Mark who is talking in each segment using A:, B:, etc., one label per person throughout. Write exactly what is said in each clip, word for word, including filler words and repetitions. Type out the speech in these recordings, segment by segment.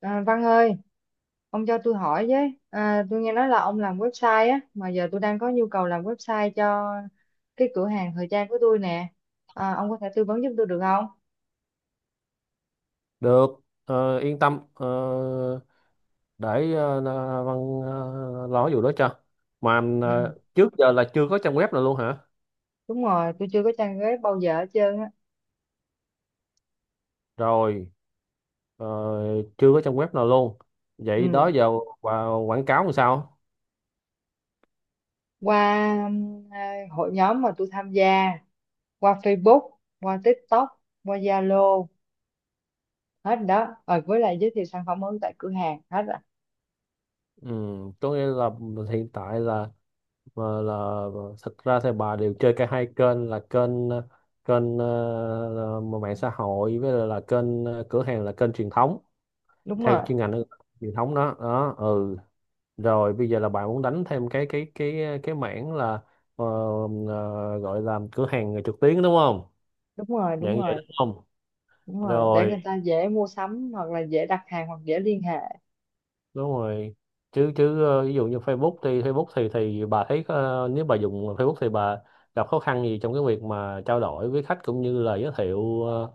A: À, Văn ơi, ông cho tôi hỏi với. À, tôi nghe nói là ông làm website á, mà giờ tôi đang có nhu cầu làm website cho cái cửa hàng thời trang của tôi nè. À, ông có thể tư vấn giúp tôi được không?
B: Được, ờ, yên tâm. ờ, để ờ, là Văn ờ, lo vụ đó cho. mà
A: Ừ,
B: ờ, trước giờ là chưa có trang web nào luôn hả?
A: đúng rồi, tôi chưa có trang web bao giờ hết trơn á.
B: Rồi, ờ, chưa có trang web nào luôn.
A: Ừ,
B: Vậy đó giờ và quảng cáo làm sao?
A: qua um, à, hội nhóm mà tôi tham gia, qua Facebook, qua TikTok, qua Zalo, hết rồi đó. Rồi với lại giới thiệu sản phẩm mới tại cửa hàng, hết rồi.
B: ừ, có nghĩa là hiện tại là, là, là thật ra thì bà đều chơi cả hai kênh, là kênh ờ, kênh, ờ, là mạng xã hội, với lại là kênh ờ, cửa hàng, là kênh truyền thống,
A: Đúng
B: theo
A: rồi,
B: chuyên ngành truyền thống đó đó. Ừ, rồi bây giờ là bạn muốn đánh thêm cái cái cái cái mảng là, ờ, ờ, gọi là cửa hàng trực tuyến đúng không?
A: đúng rồi,
B: Dạng
A: đúng
B: vậy
A: rồi.
B: đúng không?
A: Đúng rồi, để
B: Rồi,
A: người ta dễ mua sắm hoặc là dễ đặt hàng hoặc dễ liên hệ.
B: đúng rồi. Chứ chứ ờ, ví dụ như Facebook thì Facebook thì thì bà thấy, ờ, nếu bà dùng Facebook thì bà gặp khó khăn gì trong cái việc mà trao đổi với khách, cũng như là giới thiệu ờ,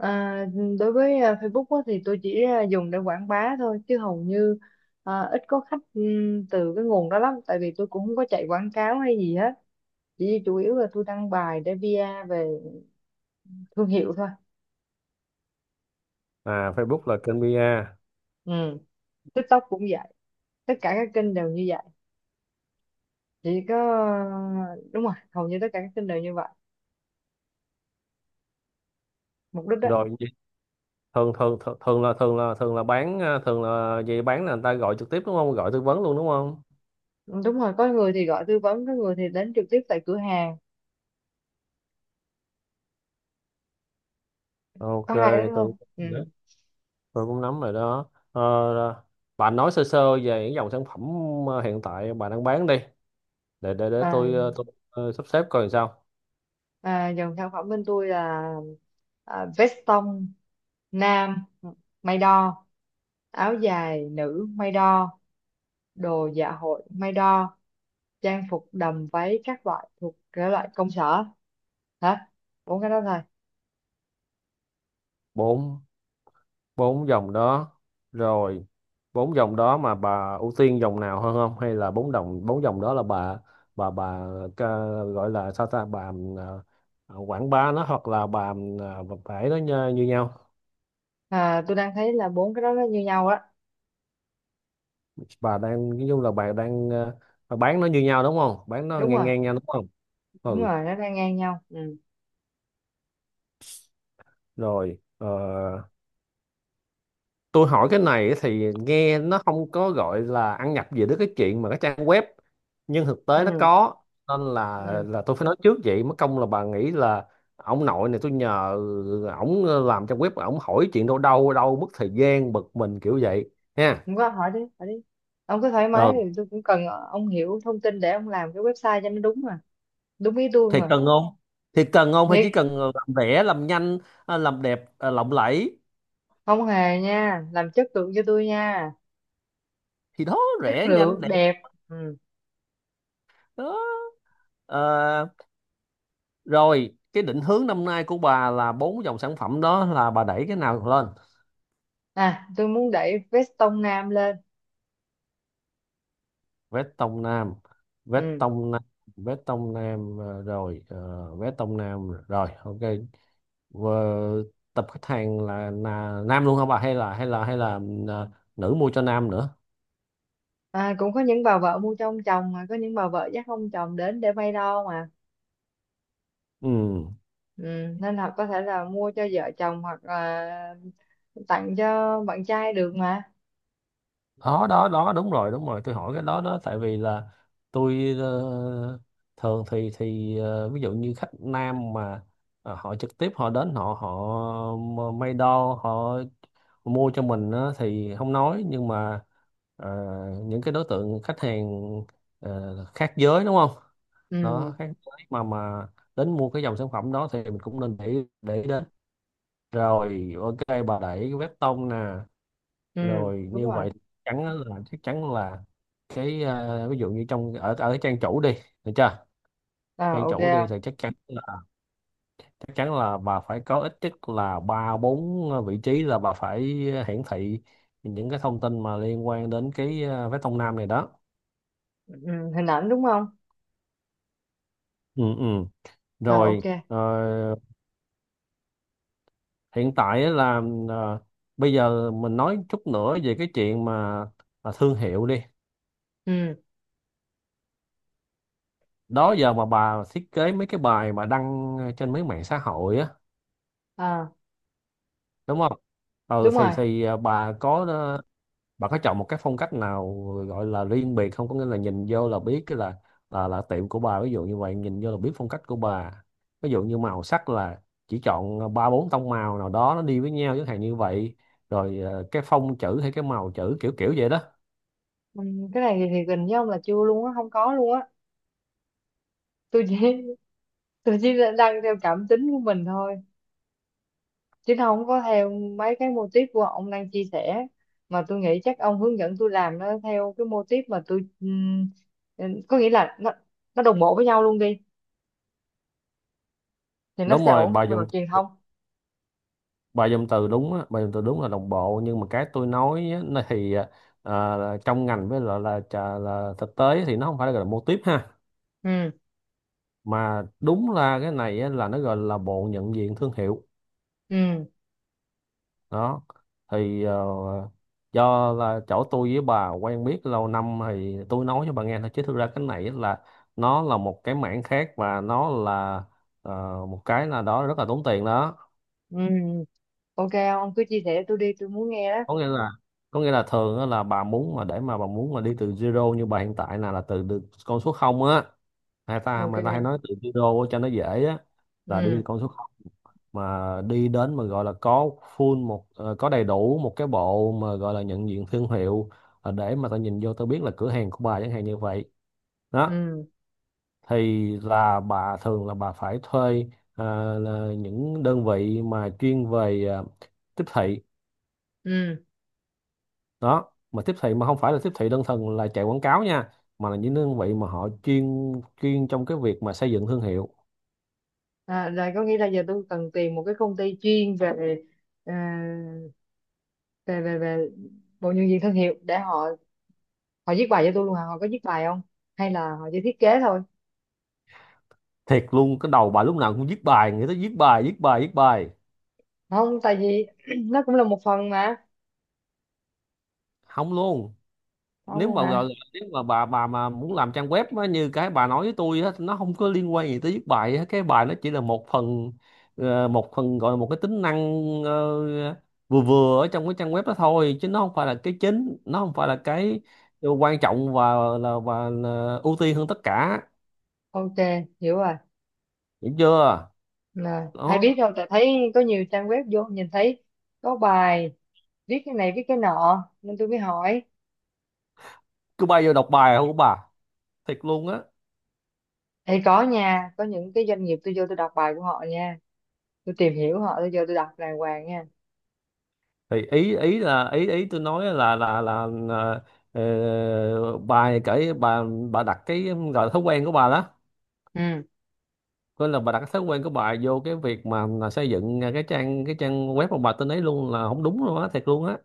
A: À, đối với à, Facebook á, thì tôi chỉ à, dùng để quảng bá thôi chứ hầu như à, ít có khách ừm, từ cái nguồn đó lắm, tại vì tôi cũng không có chạy quảng cáo hay gì hết, chỉ chủ yếu là tôi đăng bài để pi a về thương hiệu thôi.
B: à, Facebook là kênh pi a.
A: Ừ. TikTok cũng vậy, tất cả các kênh đều như vậy, chỉ có đúng rồi, hầu như tất cả các kênh đều như vậy, mục đích đó.
B: Rồi gì? Thường thường thường thường là thường là thường là bán, ờ, thường là gì, bán là người ta gọi trực tiếp đúng không? Gọi tư vấn luôn đúng không?
A: Ừ, đúng rồi, có người thì gọi tư vấn, có người thì đến trực tiếp tại cửa hàng,
B: Ok,
A: có hai đó thôi
B: tư
A: ừ.
B: vấn. Tôi cũng nắm rồi đó. Ờ, bạn nói sơ sơ về những dòng sản phẩm ờ, hiện tại bạn đang bán đi, để để để
A: À,
B: tôi, ờ, tôi ờ, sắp xếp coi làm sao.
A: à, dòng sản phẩm bên tôi là à, veston nam may đo, áo dài nữ may đo, đồ dạ hội may đo, trang phục đầm váy các loại thuộc cái loại công sở hả, bốn cái đó thôi.
B: Bốn, bốn dòng đó, rồi bốn dòng đó mà bà ưu tiên dòng nào hơn không, hay là bốn dòng, bốn dòng đó là bà, bà bà ca- gọi là sao ta, bà, ờ, ờ, quảng bá nó, hoặc là bà, ờ, bà ấy nó như, như nhau.
A: À, tôi đang thấy là bốn cái đó nó như nhau á.
B: Bà đang nói chung là bà đang, ờ, bà bán nó như nhau đúng không, bán nó
A: Đúng
B: ngang
A: rồi,
B: ngang nhau đúng không?
A: đúng
B: Ừ,
A: rồi, nó đang ngang nhau ừ.
B: rồi, ờ, tôi hỏi cái này thì nghe nó không có gọi là ăn nhập gì đến cái chuyện mà cái trang web, nhưng thực tế nó
A: Ừ,
B: có, nên là
A: ừ,
B: là tôi phải nói trước, vậy mất công là bà nghĩ là ông nội này tôi nhờ ổng làm trang web, ổng hỏi chuyện đâu đâu đâu, mất thời gian bực mình kiểu vậy ha.
A: không có, hỏi đi hỏi đi, ông cứ thoải mái,
B: Ừ
A: thì tôi cũng cần ông hiểu thông tin để ông làm cái website cho nó đúng mà, đúng ý tôi
B: thì
A: mà.
B: cần không, thì cần không, hay
A: Thiệt,
B: chỉ cần làm rẻ làm nhanh, à, làm đẹp, à, lộng lẫy?
A: không hề nha, làm chất lượng cho tôi nha,
B: Thì đó,
A: chất
B: rẻ nhanh
A: lượng
B: đẹp
A: đẹp ừ.
B: đó. Ờ, Rồi, cái định hướng năm nay của bà, là bốn dòng sản phẩm đó là bà đẩy cái nào lên?
A: À, tôi muốn đẩy vest tông nam lên
B: Vét Tông Nam, Vét
A: ừ.
B: Tông Nam, Vét Tông Nam ờ, rồi, uh, Vét Tông Nam rồi, ok. Ờ, tập khách hàng là, là nam luôn hả bà, hay là hay là hay là ờ, nữ mua cho nam nữa?
A: À, cũng có những bà vợ mua cho ông chồng, mà có những bà vợ dắt ông chồng đến để may đo mà
B: Ừ,
A: ừ. Nên là có thể là mua cho vợ chồng hoặc là tặng cho bạn trai được mà
B: đó đó đó, đúng rồi đúng rồi, tôi hỏi cái đó đó, tại vì là tôi ờ, thường thì thì ờ, ví dụ như khách nam mà ờ, họ trực tiếp họ đến, họ họ m- may đo, họ mua cho mình á thì không nói, nhưng mà ờ, những cái đối tượng khách hàng ờ, khác giới đúng không,
A: ừ.
B: đó, khác giới mà mà đến mua cái dòng sản phẩm đó, thì mình cũng nên để để ý đến. Rồi, ok, bà đẩy cái vét tông nè,
A: Ừ,
B: rồi
A: đúng
B: như
A: rồi,
B: vậy chắn á là chắc chắn là cái, à, ví dụ như trong ở ở cái trang chủ đi, được chưa? Trang
A: à, ok
B: chủ đi thì chắc chắn là chắc chắn là bà phải có ít nhất là ba bốn ờ, vị trí, là bà phải hiển thị những cái thông tin mà liên quan đến cái, à, vé Đông Nam này đó.
A: ừ. Hình ảnh đúng không?
B: Ừ, ừ,
A: À, ok
B: rồi, ờ, hiện tại á là ờ, bây giờ mình nói chút nữa về cái chuyện mà, mà thương hiệu đi.
A: ừ.
B: Đó giờ mà bà thiết kế mấy cái bài mà đăng trên mấy mạng xã hội á,
A: À,
B: đúng không? Ừ
A: đúng
B: thì
A: rồi
B: thì à, bà có ờ, bà có chọn một cái phong cách nào gọi là riêng biệt không, có nghĩa là nhìn vô là biết cái là là là tiệm của bà, ví dụ như vậy, nhìn vô là biết phong cách của bà. Ví dụ như màu sắc là chỉ chọn ờ, ba bốn tông màu nào đó nó đi với nhau chẳng hạn như vậy, rồi ờ, cái phông chữ, hay cái màu chữ, kiểu kiểu vậy đó.
A: ừ. Cái này thì, thì gần với ông là chưa luôn á, không có luôn á. Tôi chỉ, tôi chỉ là đang theo cảm tính của mình thôi, chứ không có theo mấy cái mô típ của ông đang chia sẻ. Mà tôi nghĩ chắc ông hướng dẫn tôi làm nó theo cái mô típ mà tôi ừm, ừm, có nghĩa là nó nó đồng bộ với nhau luôn đi, thì nó
B: Đúng
A: sẽ
B: rồi,
A: ổn
B: bà
A: hơn về mặt
B: dùng
A: truyền thông.
B: bà dùng từ đúng á, bà dùng từ đúng là đồng bộ, nhưng mà cái tôi nói á, nó thì ờ, ờ, trong ngành với lại là, là, là thực tế thì nó không phải là, gọi là mô típ ha,
A: Ừ,
B: mà đúng là cái này á, là nó gọi là bộ nhận diện thương hiệu
A: ừ,
B: đó. Thì ờ, do là chỗ tôi với bà quen biết lâu năm thì tôi nói cho bà nghe thôi, chứ thực ra cái này á là nó là một cái mảng khác, và nó là ờ, một cái là đó rất là tốn tiền đó.
A: ừ, ok, ông cứ chia sẻ, tôi đi, tôi muốn nghe đó.
B: Có nghĩa là có nghĩa là thường á là bà muốn mà, để mà bà muốn mà đi từ zero, như bà hiện tại là là từ, từ con số không á, người ta
A: Ok,
B: mà ta hay nói từ zero á cho nó dễ á, là đi
A: ừ,
B: từ con số mà đi đến mà gọi là có full một, ờ, có đầy đủ một cái bộ mà gọi là nhận diện thương hiệu, ờ, để mà tao nhìn vô tao biết là cửa hàng của bà, chẳng hạn như vậy đó.
A: ừ,
B: Thì là bà thường là bà phải thuê ờ, là những đơn vị mà chuyên về ờ, tiếp thị
A: ừ.
B: đó, mà tiếp thị mà không phải là tiếp thị đơn thuần là chạy quảng cáo nha, mà là những đơn vị mà họ chuyên, chuyên trong cái việc mà xây dựng thương hiệu.
A: À, là có nghĩa là giờ tôi cần tìm một cái công ty chuyên về ờ, về về về bộ nhân viên thương hiệu để họ họ viết bài cho tôi luôn hả, họ có viết bài không hay là họ chỉ thiết kế thôi?
B: Thiệt luôn, cái đầu bà lúc nào cũng viết bài, người ta viết bài viết bài viết bài.
A: Không, tại vì nó cũng là một phần mà.
B: Không luôn,
A: Không
B: nếu
A: luôn
B: mà gọi
A: hả,
B: là nếu mà bà bà mà muốn làm trang web á, như cái bà nói với tôi á, nó không có liên quan gì tới viết bài á. Cái bài nó chỉ là một phần, ờ, một phần gọi là một cái tính năng ờ, vừa vừa ở trong cái trang web đó thôi, chứ nó không phải là cái chính, nó không phải là cái quan trọng và là và là ưu tiên hơn tất cả.
A: ok, hiểu rồi.
B: Hiểu chưa?
A: Nè, ai
B: Đó.
A: biết đâu, tại thấy có nhiều trang web vô nhìn thấy có bài viết cái này viết cái nọ nên tôi mới hỏi.
B: Cứ bay vô đọc bài không bà, thiệt luôn á.
A: Thì có nha, có những cái doanh nghiệp tôi vô tôi đọc bài của họ nha, tôi tìm hiểu họ, tôi vô tôi đọc đàng hoàng nha
B: Thì ý ý là ý ý tôi nói là là là, là ờ, bà kể, bà bà đặt cái gọi là thói quen của bà đó,
A: ừ.
B: nên là bà đặt cái thói quen của bà vô cái việc mà, mà xây dựng cái trang, cái trang web của bà tên ấy luôn, là không đúng luôn á, thiệt luôn á.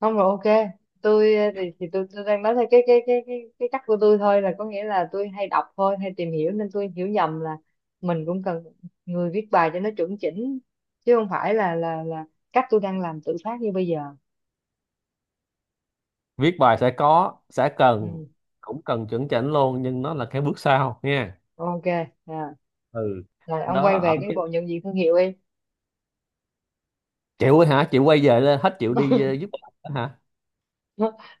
A: Không, rồi ok, tôi ờ, thì, thì tôi, tôi đang nói theo cái cái cái cái cái cách của tôi thôi, là có nghĩa là tôi hay đọc thôi hay tìm hiểu nên tôi hiểu nhầm là mình cũng cần người viết bài cho nó chuẩn chỉnh, chứ không phải là là là cách tôi đang làm tự phát như bây giờ
B: Viết bài sẽ có, sẽ cần,
A: ừ.
B: cũng cần chuẩn chỉnh luôn, nhưng nó là cái bước sau nha.
A: Ok, à,
B: Ừ,
A: rồi ông
B: đó,
A: quay về
B: ở
A: cái
B: cái,
A: bộ nhận diện thương hiệu đi.
B: chịu hả, chịu quay về lên hết, chịu đi ờ, giúp bà hả?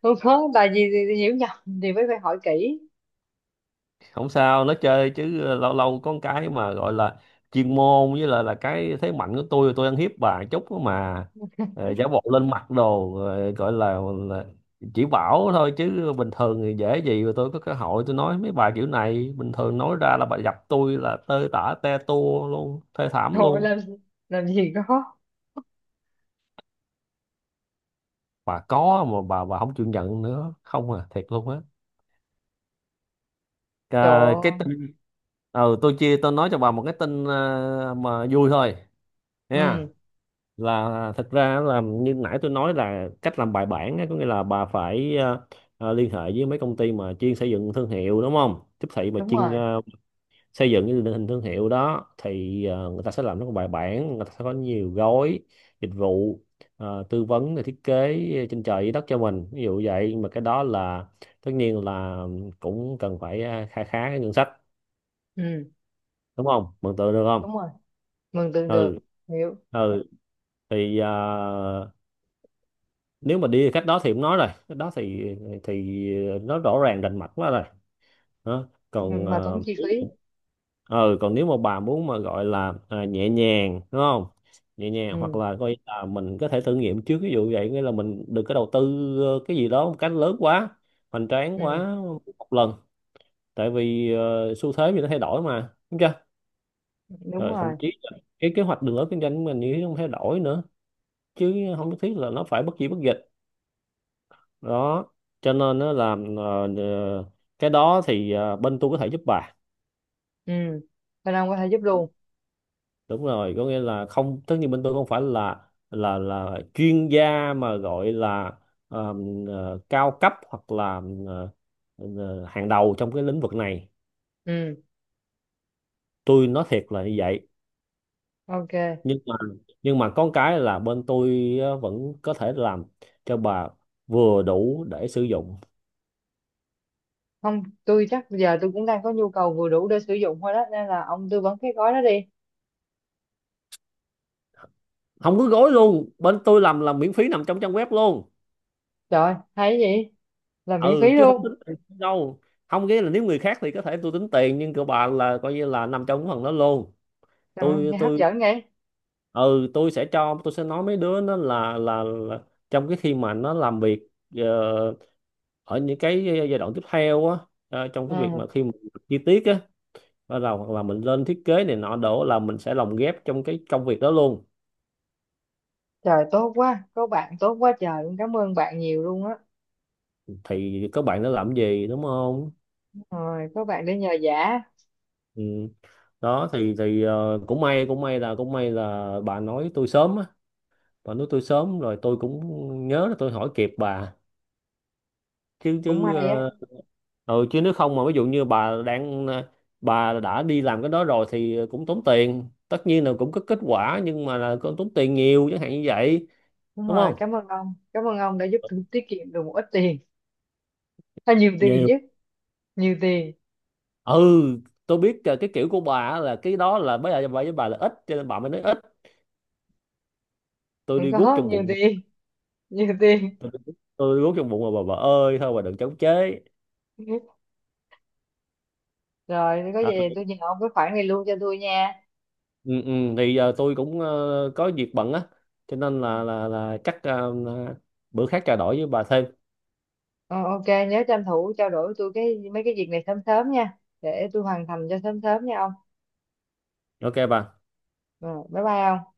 A: Không có, tại vì thì- hiểu nhầm thì mới phải hỏi kỹ.
B: Không sao, nó chơi chứ, ờ, lâu lâu có cái mà gọi là chuyên môn với là là cái thế mạnh của tôi tôi ăn hiếp bà chút đó mà. Ờ, giả bộ lên mặt đồ, ờ, gọi là, là chỉ bảo thôi, chứ bình thường thì dễ gì mà tôi có cơ hội tôi nói mấy bà kiểu này, bình thường nói ra là bà gặp tôi là tơi tả te tua luôn, thê thảm
A: Thôi,
B: luôn.
A: làm làm gì có
B: Bà có mà, bà bà không chịu nhận nữa không à, thiệt luôn á.
A: trời
B: Cà- cái
A: ơi.
B: tin, ừ, tôi chia tôi nói cho bà một cái tin ờ, mà vui thôi nha.
A: Ừ,
B: Là thật ra là như nãy tôi nói là cách làm bài bản á, có nghĩa là bà phải ờ, ờ, liên hệ với mấy công ty mà chuyên xây dựng thương hiệu đúng không, tiếp thị mà
A: đúng
B: chuyên
A: rồi,
B: ờ, xây dựng cái định hình thương hiệu đó, thì ờ, người ta sẽ làm rất là bài bản, người ta sẽ có nhiều gói dịch vụ ờ, tư vấn rồi thiết kế trên trời dưới đất cho mình, ví dụ vậy. Nhưng mà cái đó là tất nhiên là cũng cần phải ờ, kha khá cái ngân sách,
A: ừ,
B: đúng không, mường tượng được không?
A: đúng rồi, mừng tượng
B: Ừ,
A: được, hiểu.
B: ừ thì à, nếu mà đi cách đó thì cũng nói rồi, cách đó thì thì nó rõ ràng rành mạch quá rồi. Đó,
A: Ừ,
B: còn
A: mà
B: ờ,
A: tốn chi phí
B: ừ, còn nếu mà bà muốn mà gọi là à, nhẹ nhàng đúng không, nhẹ nhàng hoặc
A: ừ,
B: là coi là mình có thể thử nghiệm trước, ví dụ vậy, nghĩa là mình đừng có đầu tư ờ, cái gì đó một cách lớn quá, hoành tráng
A: ừ,
B: quá một lần, tại vì ờ, xu thế thì nó thay đổi mà, đúng chưa?
A: đúng
B: Rồi thậm
A: rồi
B: chí là cái kế hoạch đường lối kinh doanh của mình như thế cũng thay đổi nữa, chứ không nhất thiết là nó phải bất gì bất dịch đó, cho nên nó làm cái đó thì ờ, bên tôi có thể giúp bà.
A: ừ. Thanh Long có thể giúp luôn
B: Đúng rồi, có nghĩa là không, tất nhiên bên tôi không phải là là là chuyên gia mà gọi là ờm, ờ, cao cấp, hoặc là ờ, ờ, hàng đầu trong cái lĩnh vực này.
A: ừ,
B: Tôi nói thiệt là như vậy,
A: ok.
B: nhưng mà nhưng mà có cái là bên tôi ờ, vẫn có thể làm cho bà vừa đủ để sử dụng.
A: Không, tôi chắc giờ tôi cũng đang có nhu cầu vừa đủ để sử dụng thôi đó, nên là ông tư vấn cái gói đó đi.
B: Không có gối luôn, bên tôi làm là miễn phí nằm trong trang web luôn.
A: Trời, hay gì? Là miễn phí
B: Ừ, chứ không
A: luôn
B: tính tiền đâu, không, nghĩa là nếu người khác thì có thể tôi tính tiền, nhưng của bà là coi như là nằm trong cái phần đó luôn.
A: ừ,
B: tôi
A: nghe hấp
B: tôi
A: dẫn vậy
B: ừ, tôi sẽ cho tôi sẽ nói mấy đứa nó là, là là trong cái khi mà nó làm việc ờ, ở những cái giai đoạn tiếp theo á, ờ, trong cái việc
A: ừ.
B: mà khi mà chi tiết á, bắt đầu hoặc là mình lên thiết kế này nọ đổ, là mình sẽ lồng ghép trong cái công việc đó luôn.
A: Trời, tốt quá, có bạn tốt quá trời luôn, cảm ơn bạn nhiều luôn á.
B: Thì các bạn nó làm gì, đúng không?
A: Rồi có bạn để nhờ vả.
B: Ừ, đó thì thì ờ, cũng may, cũng may là cũng may là bà nói tôi sớm á, bà nói tôi sớm rồi tôi cũng nhớ là tôi hỏi kịp bà, chứ
A: Cũng
B: chứ
A: may á,
B: ờ, ừ, chứ nếu không mà ví dụ như bà đang ờ, bà đã đi làm cái đó rồi thì cũng tốn tiền, tất nhiên là cũng có kết quả, nhưng mà là cũng tốn tiền nhiều, chẳng hạn như vậy.
A: đúng
B: Đúng
A: rồi,
B: không?
A: cảm ơn ông, cảm ơn ông đã giúp tôi tiết kiệm được một ít tiền hay nhiều tiền
B: Nhiều.
A: chứ. Nhiều tiền,
B: Ừ, tôi biết ờ, cái kiểu của bà á, là cái đó là bây giờ bà với bà là ít, cho nên bà mới nói ít, tôi
A: không,
B: đi guốc
A: có
B: trong
A: nhiều
B: bụng.
A: tiền, nhiều tiền.
B: Tôi đi guốc, tôi đi guốc trong bụng mà, bà bà ơi, thôi bà đừng chống chế.
A: Rồi, nếu có
B: À,
A: gì thì tôi nhờ ông cái khoản này luôn cho tôi nha.
B: ừ, ừ, thì giờ tôi cũng ờ, có việc bận á, cho nên là là là chắc ờ, bữa khác trao đổi với bà thêm.
A: Ờ, ok, nhớ tranh thủ trao đổi với tôi cái mấy cái việc này sớm sớm nha. Để tôi hoàn thành cho sớm sớm nha ông.
B: Ok bà.
A: Ờ, bye bye ông.